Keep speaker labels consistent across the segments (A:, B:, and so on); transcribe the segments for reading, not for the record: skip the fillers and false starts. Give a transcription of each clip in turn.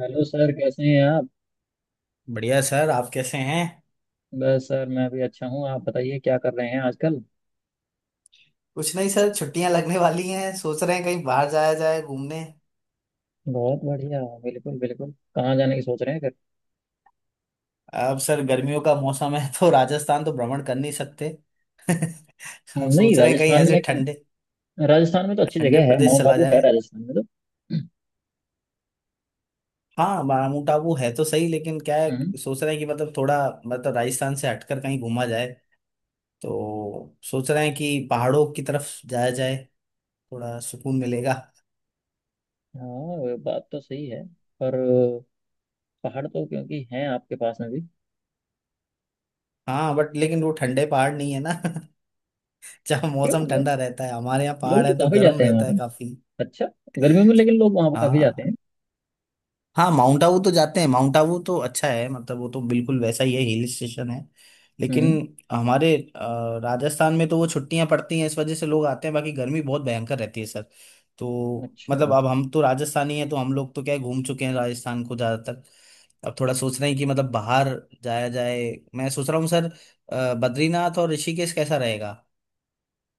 A: Hello sir, कैसे हैं आप।
B: बढ़िया सर। आप कैसे हैं?
A: बस सर, मैं भी अच्छा हूँ। आप बताइए क्या कर रहे हैं आजकल।
B: कुछ नहीं सर, छुट्टियां लगने वाली हैं, सोच रहे हैं कहीं बाहर जाया जाए घूमने।
A: बहुत बढ़िया, बिल्कुल बिल्कुल। कहाँ जाने की सोच रहे हैं फिर।
B: अब सर गर्मियों का मौसम है तो राजस्थान तो भ्रमण कर नहीं सकते।
A: हम्म।
B: आप
A: नहीं,
B: सोच रहे हैं कहीं
A: राजस्थान
B: ऐसे
A: में क्यों।
B: ठंडे
A: राजस्थान में तो अच्छी
B: ठंडे
A: जगह है,
B: प्रदेश
A: माउंट
B: चला
A: आबू है
B: जाए।
A: राजस्थान में तो।
B: हाँ माउंट टाबू है तो सही, लेकिन क्या है,
A: हम्म।
B: सोच रहे हैं कि मतलब थोड़ा मतलब राजस्थान से हटकर कहीं घूमा जाए। तो सोच रहे हैं कि पहाड़ों की तरफ जाया जाए, थोड़ा सुकून मिलेगा।
A: हाँ, वो बात तो सही है। पर पहाड़ तो क्योंकि हैं आपके पास में भी।
B: हाँ बट लेकिन वो ठंडे पहाड़ नहीं है ना। जहाँ मौसम
A: क्यों?
B: ठंडा रहता है, हमारे यहाँ
A: लोग
B: पहाड़
A: तो
B: है तो
A: काफी
B: गर्म
A: जाते हैं वहाँ
B: रहता है
A: पे।
B: काफी।
A: अच्छा। गर्मियों में लेकिन लोग वहाँ पर काफी जाते
B: हाँ।
A: हैं।
B: हाँ माउंट आबू तो जाते हैं, माउंट आबू तो अच्छा है, मतलब वो तो बिल्कुल वैसा ही है, हिल स्टेशन है। लेकिन
A: हम्म।
B: हमारे राजस्थान में तो वो छुट्टियां पड़ती हैं इस वजह से लोग आते हैं, बाकी गर्मी बहुत भयंकर रहती है सर। तो
A: अच्छा।
B: मतलब अब हम तो राजस्थानी हैं तो हम लोग तो क्या है घूम चुके हैं राजस्थान को ज़्यादातर। अब थोड़ा सोच रहे हैं कि मतलब बाहर जाया जाए। मैं सोच रहा हूँ सर बद्रीनाथ और ऋषिकेश कैसा रहेगा।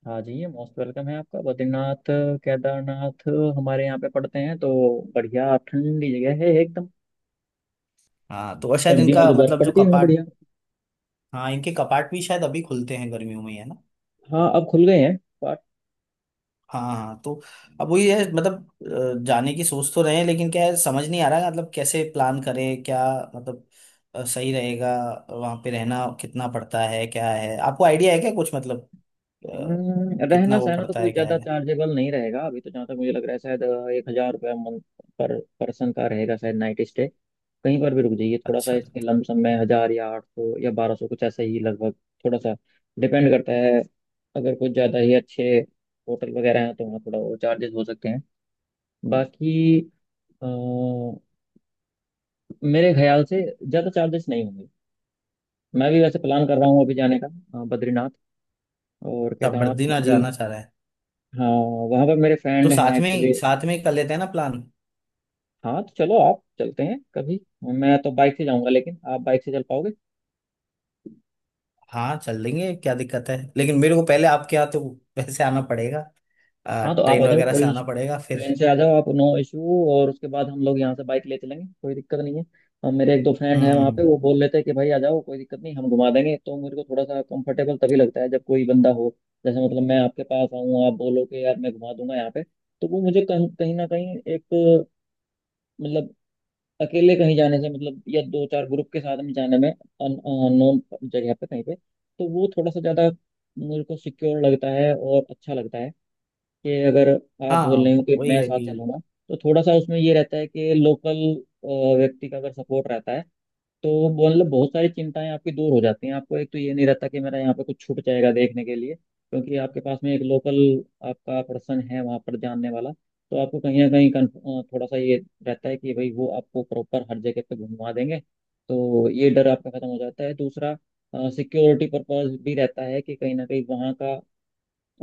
A: हाँ जी, ये मोस्ट वेलकम है आपका। बद्रीनाथ केदारनाथ हमारे यहाँ पे पड़ते हैं तो बढ़िया ठंडी जगह है एकदम।
B: हाँ तो और शायद
A: सर्दियों में
B: इनका
A: तो बर्फ
B: मतलब जो
A: पड़ती है वहाँ
B: कपाट,
A: बढ़िया।
B: हाँ इनके कपाट भी शायद अभी खुलते हैं गर्मियों में ही, है ना।
A: हाँ, अब खुल गए हैं पर।
B: हाँ हाँ, तो अब वही है मतलब जाने की सोच तो रहे हैं, लेकिन क्या है समझ नहीं आ रहा है, मतलब कैसे प्लान करें क्या, मतलब सही रहेगा। वहाँ पे रहना कितना पड़ता है, क्या है आपको आइडिया है क्या कुछ, मतलब अ, कितना
A: रहना
B: वो
A: सहना तो
B: पड़ता
A: कोई
B: है क्या
A: ज्यादा
B: है।
A: चार्जेबल नहीं रहेगा, अभी तो जहाँ तक मुझे लग रहा है शायद एक हजार रुपया मंथ पर पर्सन का रहेगा शायद नाइट स्टे। कहीं पर भी रुक जाइए, थोड़ा सा
B: अच्छा,
A: इसके लमसम में 1,000 या 800 या 1,200 कुछ ऐसा ही लगभग। थोड़ा सा डिपेंड करता है। अगर कुछ ज्यादा ही अच्छे होटल वगैरह हैं तो वहाँ थोड़ा और चार्जेस हो सकते हैं। बाकी अ, मेरे ख्याल से ज़्यादा चार्जेस नहीं होंगे। मैं भी वैसे प्लान कर रहा हूँ अभी जाने का, बद्रीनाथ और
B: तब
A: केदारनाथ,
B: बद्रीनाथ
A: क्योंकि
B: जाना चाह रहा है।
A: हाँ वहाँ पर मेरे
B: तो
A: फ्रेंड हैं एक्चुअली।
B: साथ में कर लेते हैं ना प्लान।
A: हाँ तो चलो, आप चलते हैं कभी। मैं तो बाइक से जाऊँगा, लेकिन आप बाइक से चल पाओगे।
B: हाँ चल लेंगे, क्या दिक्कत है, लेकिन मेरे को पहले आपके यहाँ तो वैसे आना पड़ेगा,
A: हाँ तो आप आ
B: ट्रेन
A: जाओ,
B: वगैरह से
A: कोई
B: आना
A: इशू।
B: पड़ेगा फिर।
A: ट्रेन से आ जाओ आप, नो इशू। और उसके बाद हम लोग यहाँ से बाइक ले चलेंगे, कोई दिक्कत नहीं है। और मेरे एक दो फ्रेंड
B: हम्म
A: हैं
B: हम्म
A: वहाँ पे,
B: हम्म।
A: वो बोल लेते हैं कि भाई आ जाओ कोई दिक्कत नहीं, हम घुमा देंगे। तो मेरे को थोड़ा सा कंफर्टेबल तभी लगता है जब कोई बंदा हो। जैसे मतलब मैं आपके पास आऊँ, आप बोलो कि यार मैं घुमा दूंगा यहाँ पे, तो वो मुझे कहीं कहीं ना कहीं एक मतलब, अकेले कहीं जाने से मतलब, या दो चार ग्रुप के साथ में जाने में अननोन जगह पे कहीं पे, तो वो थोड़ा सा ज़्यादा मेरे को सिक्योर लगता है और अच्छा लगता है। कि अगर आप बोल
B: हाँ
A: रहे हो कि
B: वही
A: मैं
B: है
A: साथ
B: कि,
A: चलूंगा तो थोड़ा सा उसमें ये रहता है कि लोकल व्यक्ति का अगर सपोर्ट रहता है तो वो मतलब बहुत सारी चिंताएं आपकी दूर हो जाती हैं। आपको एक तो ये नहीं रहता कि मेरा यहाँ पे कुछ छूट जाएगा देखने के लिए, क्योंकि आपके पास में एक लोकल आपका पर्सन है वहाँ पर जानने वाला। तो आपको कहीं ना कहीं थोड़ा सा ये रहता है कि भाई वो आपको प्रॉपर हर जगह पे घुमा देंगे। तो ये डर आपका खत्म हो जाता है। दूसरा, सिक्योरिटी पर्पज भी रहता है कि कहीं ना कहीं वहाँ का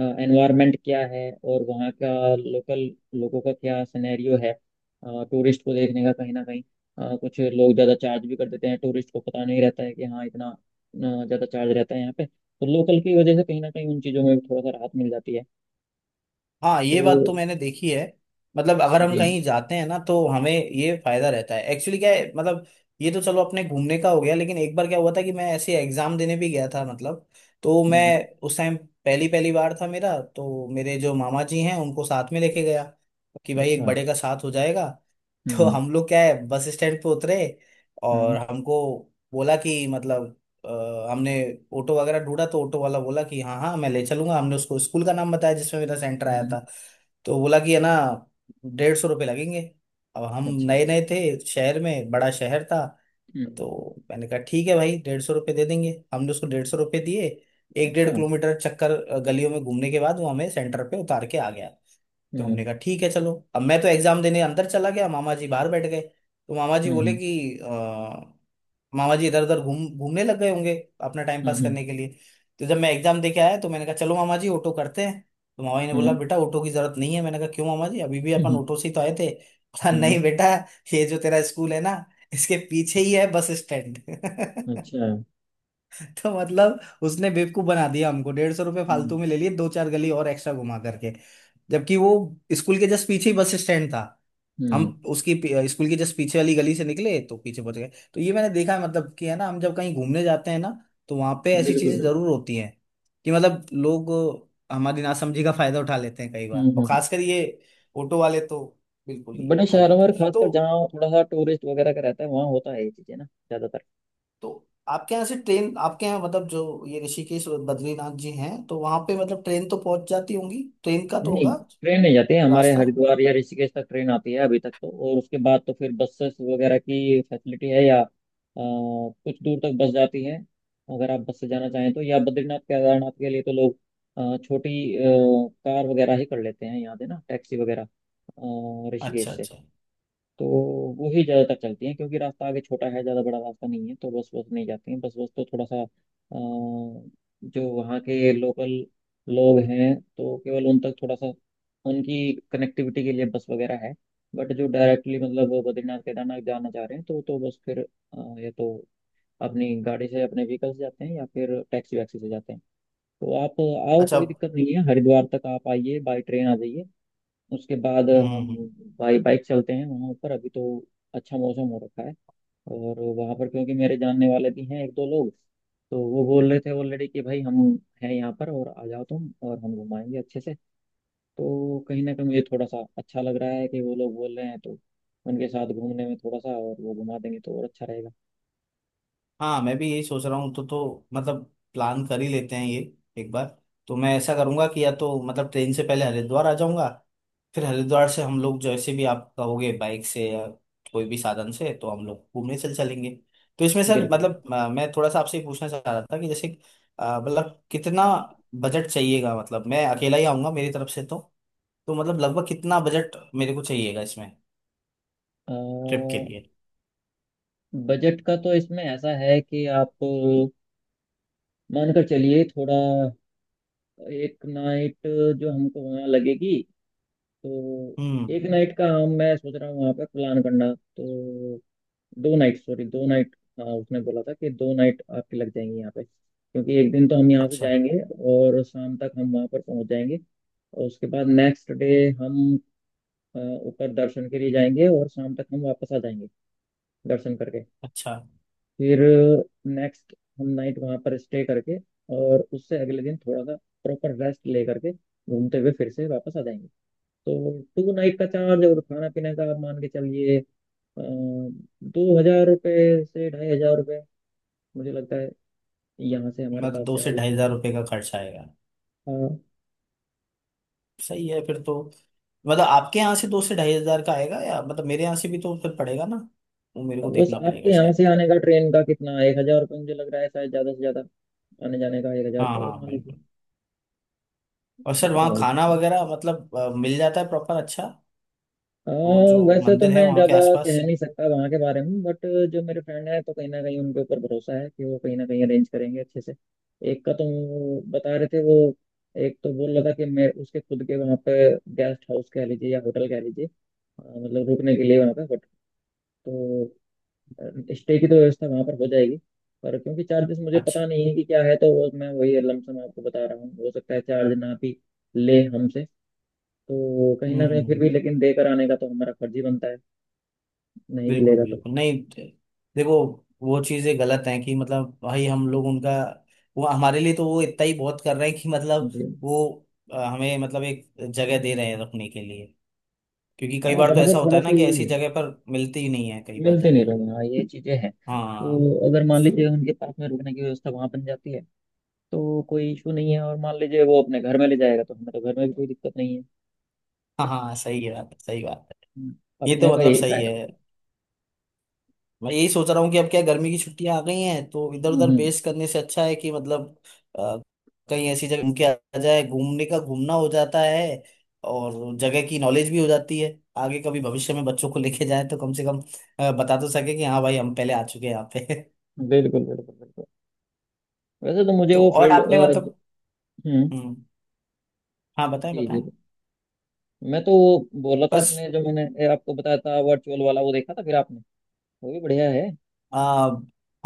A: एनवायरनमेंट क्या है और वहाँ का लोकल लोगों का क्या सिनेरियो है टूरिस्ट को देखने का। कहीं ना कहीं कुछ लोग ज़्यादा चार्ज भी कर देते हैं, टूरिस्ट को पता नहीं रहता है कि हाँ इतना ज़्यादा चार्ज रहता है यहाँ पे। तो लोकल की वजह से कहीं ना कहीं उन चीज़ों में भी थोड़ा सा राहत मिल जाती है।
B: हाँ
A: तो।
B: ये बात तो मैंने देखी है। मतलब अगर हम
A: जी।
B: कहीं जाते हैं ना तो हमें ये फायदा रहता है एक्चुअली, क्या है मतलब। ये तो चलो अपने घूमने का हो गया, लेकिन एक बार क्या हुआ था कि मैं ऐसे एग्जाम देने भी गया था मतलब, तो
A: हम्म।
B: मैं उस टाइम पहली पहली बार था मेरा, तो मेरे जो मामा जी हैं उनको साथ में लेके गया, कि भाई
A: अच्छा।
B: एक
A: हम्म।
B: बड़े का साथ हो जाएगा। तो
A: हम्म।
B: हम लोग क्या है बस स्टैंड पे उतरे और
A: हम्म।
B: हमको बोला कि मतलब हमने ऑटो वगैरह ढूंढा तो ऑटो वाला बोला कि हाँ हाँ मैं ले चलूंगा, हमने उसको स्कूल का नाम बताया जिसमें मेरा सेंटर आया
A: हम्म।
B: था। तो बोला कि है ना 150 रुपये लगेंगे। अब हम
A: अच्छा।
B: नए नए थे, शहर में बड़ा शहर था।
A: हम्म।
B: तो मैंने कहा ठीक है भाई 150 रुपये दे देंगे, हमने उसको 150 रुपये दिए। एक
A: अच्छा।
B: डेढ़ किलोमीटर चक्कर गलियों में घूमने के बाद वो हमें सेंटर पे उतार के आ गया। तो हमने
A: हम्म।
B: कहा ठीक है चलो, अब मैं तो एग्जाम देने अंदर चला गया, मामा जी बाहर बैठ गए। तो मामा जी बोले
A: हम्म।
B: कि मामा जी इधर उधर घूम घूमने लग गए होंगे अपना टाइम
A: हम्म।
B: पास
A: हम्म।
B: करने के लिए। तो जब मैं एग्जाम दे के आया तो मैंने कहा चलो मामा जी ऑटो करते हैं। तो मामा जी ने बोला
A: हम्म।
B: बेटा ऑटो की जरूरत नहीं है, मैंने कहा क्यों मामा जी अभी भी अपन
A: हम्म।
B: ऑटो से ही तो आए थे। बोला
A: हम्म।
B: नहीं बेटा, ये जो तेरा स्कूल है ना इसके पीछे ही है बस स्टैंड।
A: अच्छा।
B: तो मतलब उसने बेवकूफ बना दिया हमको, 150 रुपये
A: हम्म।
B: फालतू में ले लिए, दो चार गली और एक्स्ट्रा घुमा करके। जबकि वो स्कूल के जस्ट पीछे ही बस स्टैंड था।
A: हम्म।
B: हम
A: हम्म।
B: स्कूल के जस्ट पीछे वाली गली से निकले तो पीछे पहुंच गए। तो ये मैंने देखा है मतलब, कि है ना हम जब कहीं घूमने जाते हैं ना तो वहां पे ऐसी
A: बिल्कुल
B: चीजें
A: बिल्कुल।
B: जरूर होती हैं कि मतलब लोग हमारी नासमझी का फायदा उठा लेते हैं कई
A: हम्म।
B: बार, और
A: हम्म।
B: खासकर ये ऑटो वाले तो बिल्कुल ही
A: बड़े
B: उठा ही
A: शहरों
B: लेते
A: और
B: हैं
A: खासकर
B: तो।
A: जहाँ थोड़ा सा टूरिस्ट वगैरह का रहता है वहाँ होता है ये चीजें ना ज्यादातर।
B: तो आपके यहाँ से ट्रेन, आपके यहाँ मतलब जो ये ऋषिकेश और बद्रीनाथ जी हैं तो वहां पे मतलब ट्रेन तो पहुंच जाती होंगी, ट्रेन का तो
A: नहीं,
B: होगा
A: ट्रेन नहीं जाती है। हमारे
B: रास्ता।
A: हरिद्वार या ऋषिकेश तक ट्रेन आती है अभी तक तो, और उसके बाद तो फिर बसेस वगैरह की फैसिलिटी है, या कुछ दूर तक बस जाती है अगर आप बस से जाना चाहें तो। या बद्रीनाथ केदारनाथ के लिए तो लोग छोटी कार वगैरह ही कर लेते हैं यहाँ से ना, टैक्सी वगैरह
B: अच्छा
A: ऋषिकेश से।
B: अच्छा।
A: तो वो ही ज़्यादातर चलती हैं क्योंकि रास्ता आगे छोटा है, ज़्यादा बड़ा रास्ता नहीं है, तो बस, बस नहीं जाती हैं। बस, बस तो थोड़ा सा जो वहाँ के लोकल लोग हैं तो केवल उन तक थोड़ा सा उनकी कनेक्टिविटी के लिए बस वगैरह है। बट जो डायरेक्टली मतलब वो बद्रीनाथ केदारनाथ जाना चाह रहे हैं तो बस फिर या तो अपनी गाड़ी से, अपने व्हीकल से जाते हैं, या फिर टैक्सी वैक्सी से जाते हैं। तो आप आओ,
B: अच्छा
A: कोई दिक्कत नहीं है। हरिद्वार तक आप आइए, बाई ट्रेन आ जाइए, उसके बाद हम
B: हम्म।
A: बाइक बाइक चलते हैं वहाँ ऊपर। अभी तो अच्छा मौसम हो रखा है। और वहाँ पर क्योंकि मेरे जानने वाले भी हैं एक दो लोग, तो वो बोल रहे थे ऑलरेडी कि भाई हम हैं यहाँ पर और आ जाओ तुम और हम घुमाएंगे अच्छे से। तो कहीं ना कहीं मुझे थोड़ा सा अच्छा लग रहा है कि वो लोग बोल रहे हैं, तो उनके साथ घूमने में थोड़ा सा, और वो घुमा देंगे तो और अच्छा रहेगा।
B: हाँ मैं भी यही सोच रहा हूँ, तो मतलब प्लान कर ही लेते हैं ये एक बार। तो मैं ऐसा करूंगा कि या तो मतलब ट्रेन से पहले हरिद्वार आ जाऊंगा, फिर हरिद्वार से हम लोग जैसे भी आप कहोगे, बाइक से या कोई भी साधन से, तो हम लोग घूमने चल चलेंगे। तो इसमें सर
A: बिल्कुल।
B: मतलब मैं थोड़ा सा आपसे ये पूछना चाह रहा था कि जैसे मतलब कितना बजट चाहिएगा, मतलब मैं अकेला ही आऊंगा मेरी तरफ से तो मतलब लगभग कितना बजट मेरे को चाहिएगा इसमें,
A: अ,
B: ट्रिप के लिए।
A: बजट का तो इसमें ऐसा है कि आप मानकर चलिए थोड़ा, एक नाइट जो हमको वहाँ लगेगी, तो
B: हम्म।
A: एक नाइट का हम, मैं सोच रहा हूँ वहाँ पे प्लान करना, तो 2 नाइट, सॉरी, 2 नाइट। हाँ, उसने बोला था कि 2 नाइट आपकी लग जाएंगी यहाँ पे, क्योंकि एक दिन तो हम यहाँ से
B: अच्छा।
A: जाएंगे और शाम तक हम वहाँ पर पहुँच जाएंगे, और उसके बाद नेक्स्ट डे हम अ, ऊपर दर्शन के लिए जाएंगे और शाम तक हम वापस आ जाएंगे दर्शन करके।
B: अच्छा।
A: फिर नेक्स्ट हम नाइट वहां पर स्टे करके, और उससे अगले दिन थोड़ा सा प्रॉपर रेस्ट ले करके घूमते हुए फिर से वापस आ जाएंगे। तो 2 नाइट का चार्ज और खाना पीने का आप मान के चलिए 2,000 रुपये से 2,500 रुपये मुझे लगता है, यहाँ से हमारे
B: मतलब
A: पास
B: दो
A: से
B: से
A: आगे।
B: ढाई हजार रुपये का खर्चा आएगा।
A: हाँ
B: सही है फिर तो। मतलब आपके यहाँ से 2000 से 2500 का आएगा, या मतलब मेरे यहाँ से भी तो फिर पड़ेगा ना, वो मेरे
A: तो
B: को
A: बस
B: देखना
A: आपके
B: पड़ेगा
A: यहाँ से
B: शायद।
A: आने का ट्रेन का कितना, 1,000 रुपये मुझे लग रहा है शायद ज्यादा से ज्यादा, आने जाने का 1,000
B: हाँ
A: रुपये और
B: हाँ
A: मान लीजिए।
B: बिल्कुल। और सर
A: इतना
B: वहाँ
A: हो
B: खाना
A: सकता है।
B: वगैरह मतलब मिल जाता है प्रॉपर अच्छा,
A: अ,
B: वो जो
A: वैसे तो
B: मंदिर
A: मैं
B: है वहाँ के
A: ज्यादा
B: आसपास?
A: कह नहीं सकता वहाँ के बारे में, बट जो मेरे फ्रेंड है तो कहीं ना कहीं उनके ऊपर भरोसा है कि वो कहीं ना कहीं अरेंज करेंगे अच्छे से। एक का तो वो बता रहे थे, वो एक तो बोल रहा था कि मैं उसके खुद के वहाँ पे गेस्ट हाउस कह लीजिए या होटल कह लीजिए, मतलब रुकने के लिए वहाँ पे बट। तो स्टे की तो व्यवस्था वहाँ पर हो जाएगी। पर क्योंकि चार्जेस मुझे
B: अच्छा।
A: पता नहीं है कि क्या है तो वो मैं वही लमसम आपको बता रहा हूँ, हो सकता है चार्ज ना भी ले हमसे, तो कहीं
B: हम्म
A: ना
B: हम्म,
A: कहीं फिर
B: हम्म।
A: भी, लेकिन देकर आने का तो हमारा फर्ज ही बनता है। नहीं भी
B: बिल्कुल
A: लेगा तो।
B: बिल्कुल। नहीं दे- देखो, वो चीजें गलत हैं कि मतलब भाई हम लोग उनका, वो हमारे लिए तो वो इतना ही बहुत कर रहे हैं कि मतलब
A: जी।
B: वो हमें मतलब एक जगह दे रहे हैं रखने के लिए। क्योंकि
A: हाँ
B: कई बार तो
A: वहाँ पर
B: ऐसा होता
A: थोड़ा
B: है
A: सा
B: ना कि
A: यही
B: ऐसी
A: है,
B: जगह पर मिलती ही नहीं है कई बार
A: मिलते नहीं
B: जगह।
A: लोग। हाँ ये चीजें हैं,
B: हाँ।
A: तो अगर मान लीजिए उनके पास में रुकने की व्यवस्था वहाँ बन जाती है तो कोई इशू नहीं है। और मान लीजिए वो अपने घर में ले जाएगा तो हमें तो घर में भी कोई दिक्कत नहीं है।
B: हाँ हाँ सही है बात, सही बात
A: हम्म।
B: है। ये
A: अपने
B: तो
A: का
B: मतलब
A: यही
B: सही
A: फायदा
B: है।
A: होता
B: मैं यही सोच रहा हूँ कि अब क्या गर्मी की छुट्टियां आ गई हैं तो
A: है।
B: इधर
A: हम्म।
B: उधर
A: हम्म।
B: बेस करने से अच्छा है कि मतलब अ, कहीं ऐसी जगह घूम के आ जाए, घूमने का घूमना हो जाता है और जगह की नॉलेज भी हो जाती है। आगे कभी भविष्य में बच्चों को लेके जाए तो कम से कम बता तो सके कि हाँ भाई हम पहले आ चुके हैं यहाँ पे।
A: बिल्कुल बिल्कुल बिल्कुल। वैसे तो मुझे
B: तो
A: वो
B: और
A: फील्ड।
B: आपने मतलब,
A: हम्म।
B: हम्म, हाँ बताएं
A: जी
B: बताएं।
A: जी। मैं तो वो बोला था
B: बस
A: आपने, जो मैंने आपको बताया था वर्चुअल वाला वो देखा था फिर आपने, वो भी बढ़िया है।
B: आ,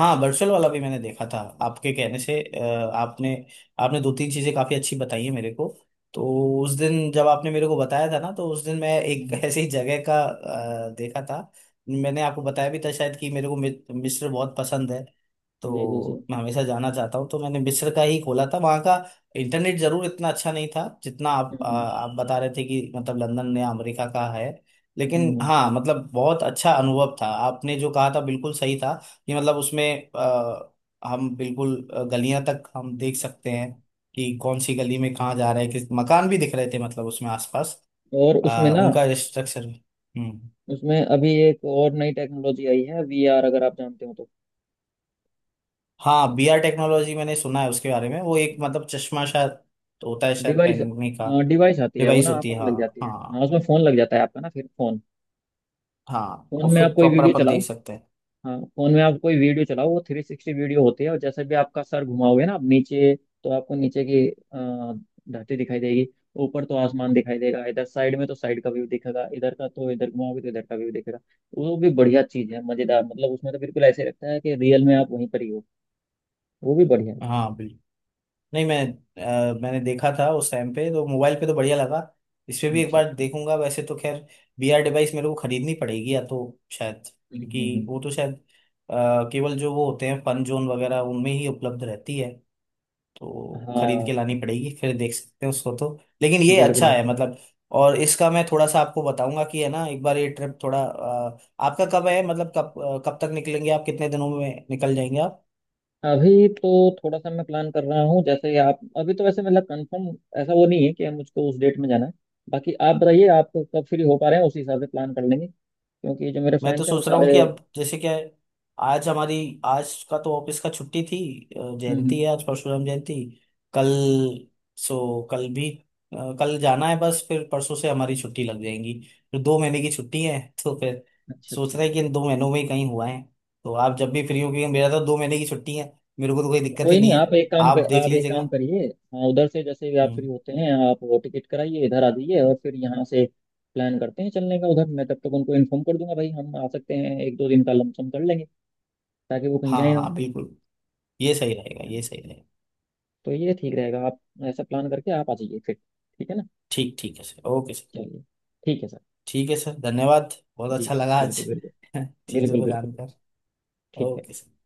B: हाँ वर्चुअल वाला भी मैंने देखा था आपके कहने से। आपने आपने 2-3 चीजें काफी अच्छी बताई है मेरे को। तो उस दिन जब आपने मेरे को बताया था ना तो उस दिन मैं एक
A: हम्म।
B: ऐसी ही जगह का देखा था। मैंने आपको बताया भी था शायद कि मेरे को मिस्र बहुत पसंद है,
A: जी जी जी।
B: तो मैं हमेशा जाना चाहता हूँ, तो मैंने मिस्र का ही खोला था वहाँ का। इंटरनेट जरूर इतना अच्छा नहीं था जितना आप
A: हम्म।
B: आ,
A: हम्म।
B: आप बता रहे थे कि मतलब लंदन या अमेरिका का है।
A: हम्म।
B: लेकिन
A: हम्म।
B: हाँ मतलब बहुत अच्छा अनुभव था, आपने जो कहा था बिल्कुल सही था कि मतलब उसमें हम बिल्कुल गलियां तक हम देख सकते हैं कि कौन सी गली में कहाँ जा रहे हैं, किस मकान भी दिख रहे थे मतलब उसमें आसपास
A: और उसमें ना,
B: उनका स्ट्रक्चर। हम्म।
A: उसमें अभी एक और नई टेक्नोलॉजी आई है VR, अगर आप जानते हो तो।
B: हाँ बीआर टेक्नोलॉजी मैंने सुना है उसके बारे में, वो एक मतलब चश्मा शायद होता है, शायद
A: डिवाइस।
B: पहनने का।
A: हाँ, डिवाइस आती है वो
B: डिवाइस
A: ना,
B: होती
A: आपको
B: है,
A: लग
B: हाँ
A: जाती है। हाँ,
B: हाँ।
A: उसमें फोन लग जाता है आपका ना, फिर फोन,
B: हाँ और
A: फोन में
B: फिर
A: आप कोई
B: प्रॉपर
A: वीडियो
B: अपन
A: चलाओ।
B: देख सकते हैं।
A: हाँ, फोन में आप कोई वीडियो चलाओ, वो 360 वीडियो होती है, और जैसे भी आपका सर घुमाओगे ना आप नीचे तो आपको नीचे की धरती दिखाई देगी, ऊपर तो आसमान दिखाई देगा, इधर साइड में तो साइड का व्यू दिखेगा, इधर का तो इधर घुमाओगे तो इधर का व्यू दिखेगा। वो भी बढ़िया चीज है, मजेदार, मतलब उसमें तो बिल्कुल ऐसे लगता है कि रियल में आप वहीं पर ही हो। वो भी बढ़िया है।
B: हाँ। नहीं मैं मैंने देखा था उस टाइम पे तो मोबाइल पे तो बढ़िया लगा, इस पे भी एक
A: अच्छा
B: बार
A: अच्छा।
B: देखूंगा वैसे तो खैर। बीआर डिवाइस मेरे को खरीदनी पड़ेगी या तो, शायद,
A: हम्म। हम्म।
B: क्योंकि
A: हम्म।
B: वो तो शायद केवल जो वो होते हैं फन जोन वगैरह उनमें ही उपलब्ध रहती है, तो खरीद के
A: हाँ।
B: लानी पड़ेगी फिर देख सकते हैं उसको तो। लेकिन ये
A: बिल्कुल
B: अच्छा है
A: बिल्कुल।
B: मतलब। और इसका मैं थोड़ा सा आपको बताऊंगा कि है ना एक बार ये ट्रिप, थोड़ा आपका कब है मतलब कब कब तक निकलेंगे आप, कितने दिनों में निकल जाएंगे?
A: अभी तो थोड़ा सा मैं प्लान कर रहा हूँ। जैसे ही आप, अभी तो वैसे मतलब कंफर्म ऐसा वो नहीं है कि मुझको उस डेट में जाना है। बाकी आप बताइए आप कब फ्री हो पा रहे हैं, उसी हिसाब से प्लान कर लेंगे क्योंकि जो मेरे
B: मैं तो
A: फ्रेंड्स हैं वो
B: सोच रहा हूँ कि
A: सारे।
B: अब जैसे क्या है, आज हमारी, आज का तो ऑफिस का छुट्टी थी,
A: हम्म।
B: जयंती है
A: हम्म।
B: आज, परशुराम जयंती। कल, सो कल भी कल जाना है बस, फिर परसों से हमारी छुट्टी लग जाएंगी, फिर दो महीने की छुट्टी है। तो फिर
A: अच्छा
B: सोच
A: अच्छा।
B: रहे हैं कि इन 2 महीनों में ही कहीं हुआ है, तो आप जब भी फ्री हो, क्योंकि मेरा तो 2 महीने की छुट्टी है, मेरे को तो कोई
A: तो
B: दिक्कत ही
A: कोई
B: नहीं
A: नहीं,
B: है,
A: आप एक काम
B: आप
A: कर,
B: देख
A: आप एक काम
B: लीजिएगा।
A: करिए, हाँ उधर से जैसे भी आप फ्री
B: हम्म।
A: होते हैं आप वो टिकट कराइए, इधर आ जाइए और फिर यहाँ से प्लान करते हैं चलने का। उधर मैं तब तक उनको इन्फॉर्म कर दूंगा भाई हम आ सकते हैं, एक दो दिन का लमसम कर लेंगे ताकि वो कहीं
B: हाँ
A: जाए ना।
B: हाँ बिल्कुल, ये सही रहेगा ये सही रहेगा।
A: तो ये ठीक रहेगा, आप ऐसा प्लान करके आप आ जाइए फिर। ठीक है ना,
B: ठीक ठीक है सर, ओके सर।
A: चलिए। ठीक है सर।
B: ठीक है सर, धन्यवाद, बहुत
A: जी।
B: अच्छा लगा आज
A: बिल्कुल बिल्कुल।
B: चीज़ों
A: बिल्कुल
B: को
A: बिल्कुल।
B: जानकर।
A: ठीक है।
B: Okay sir.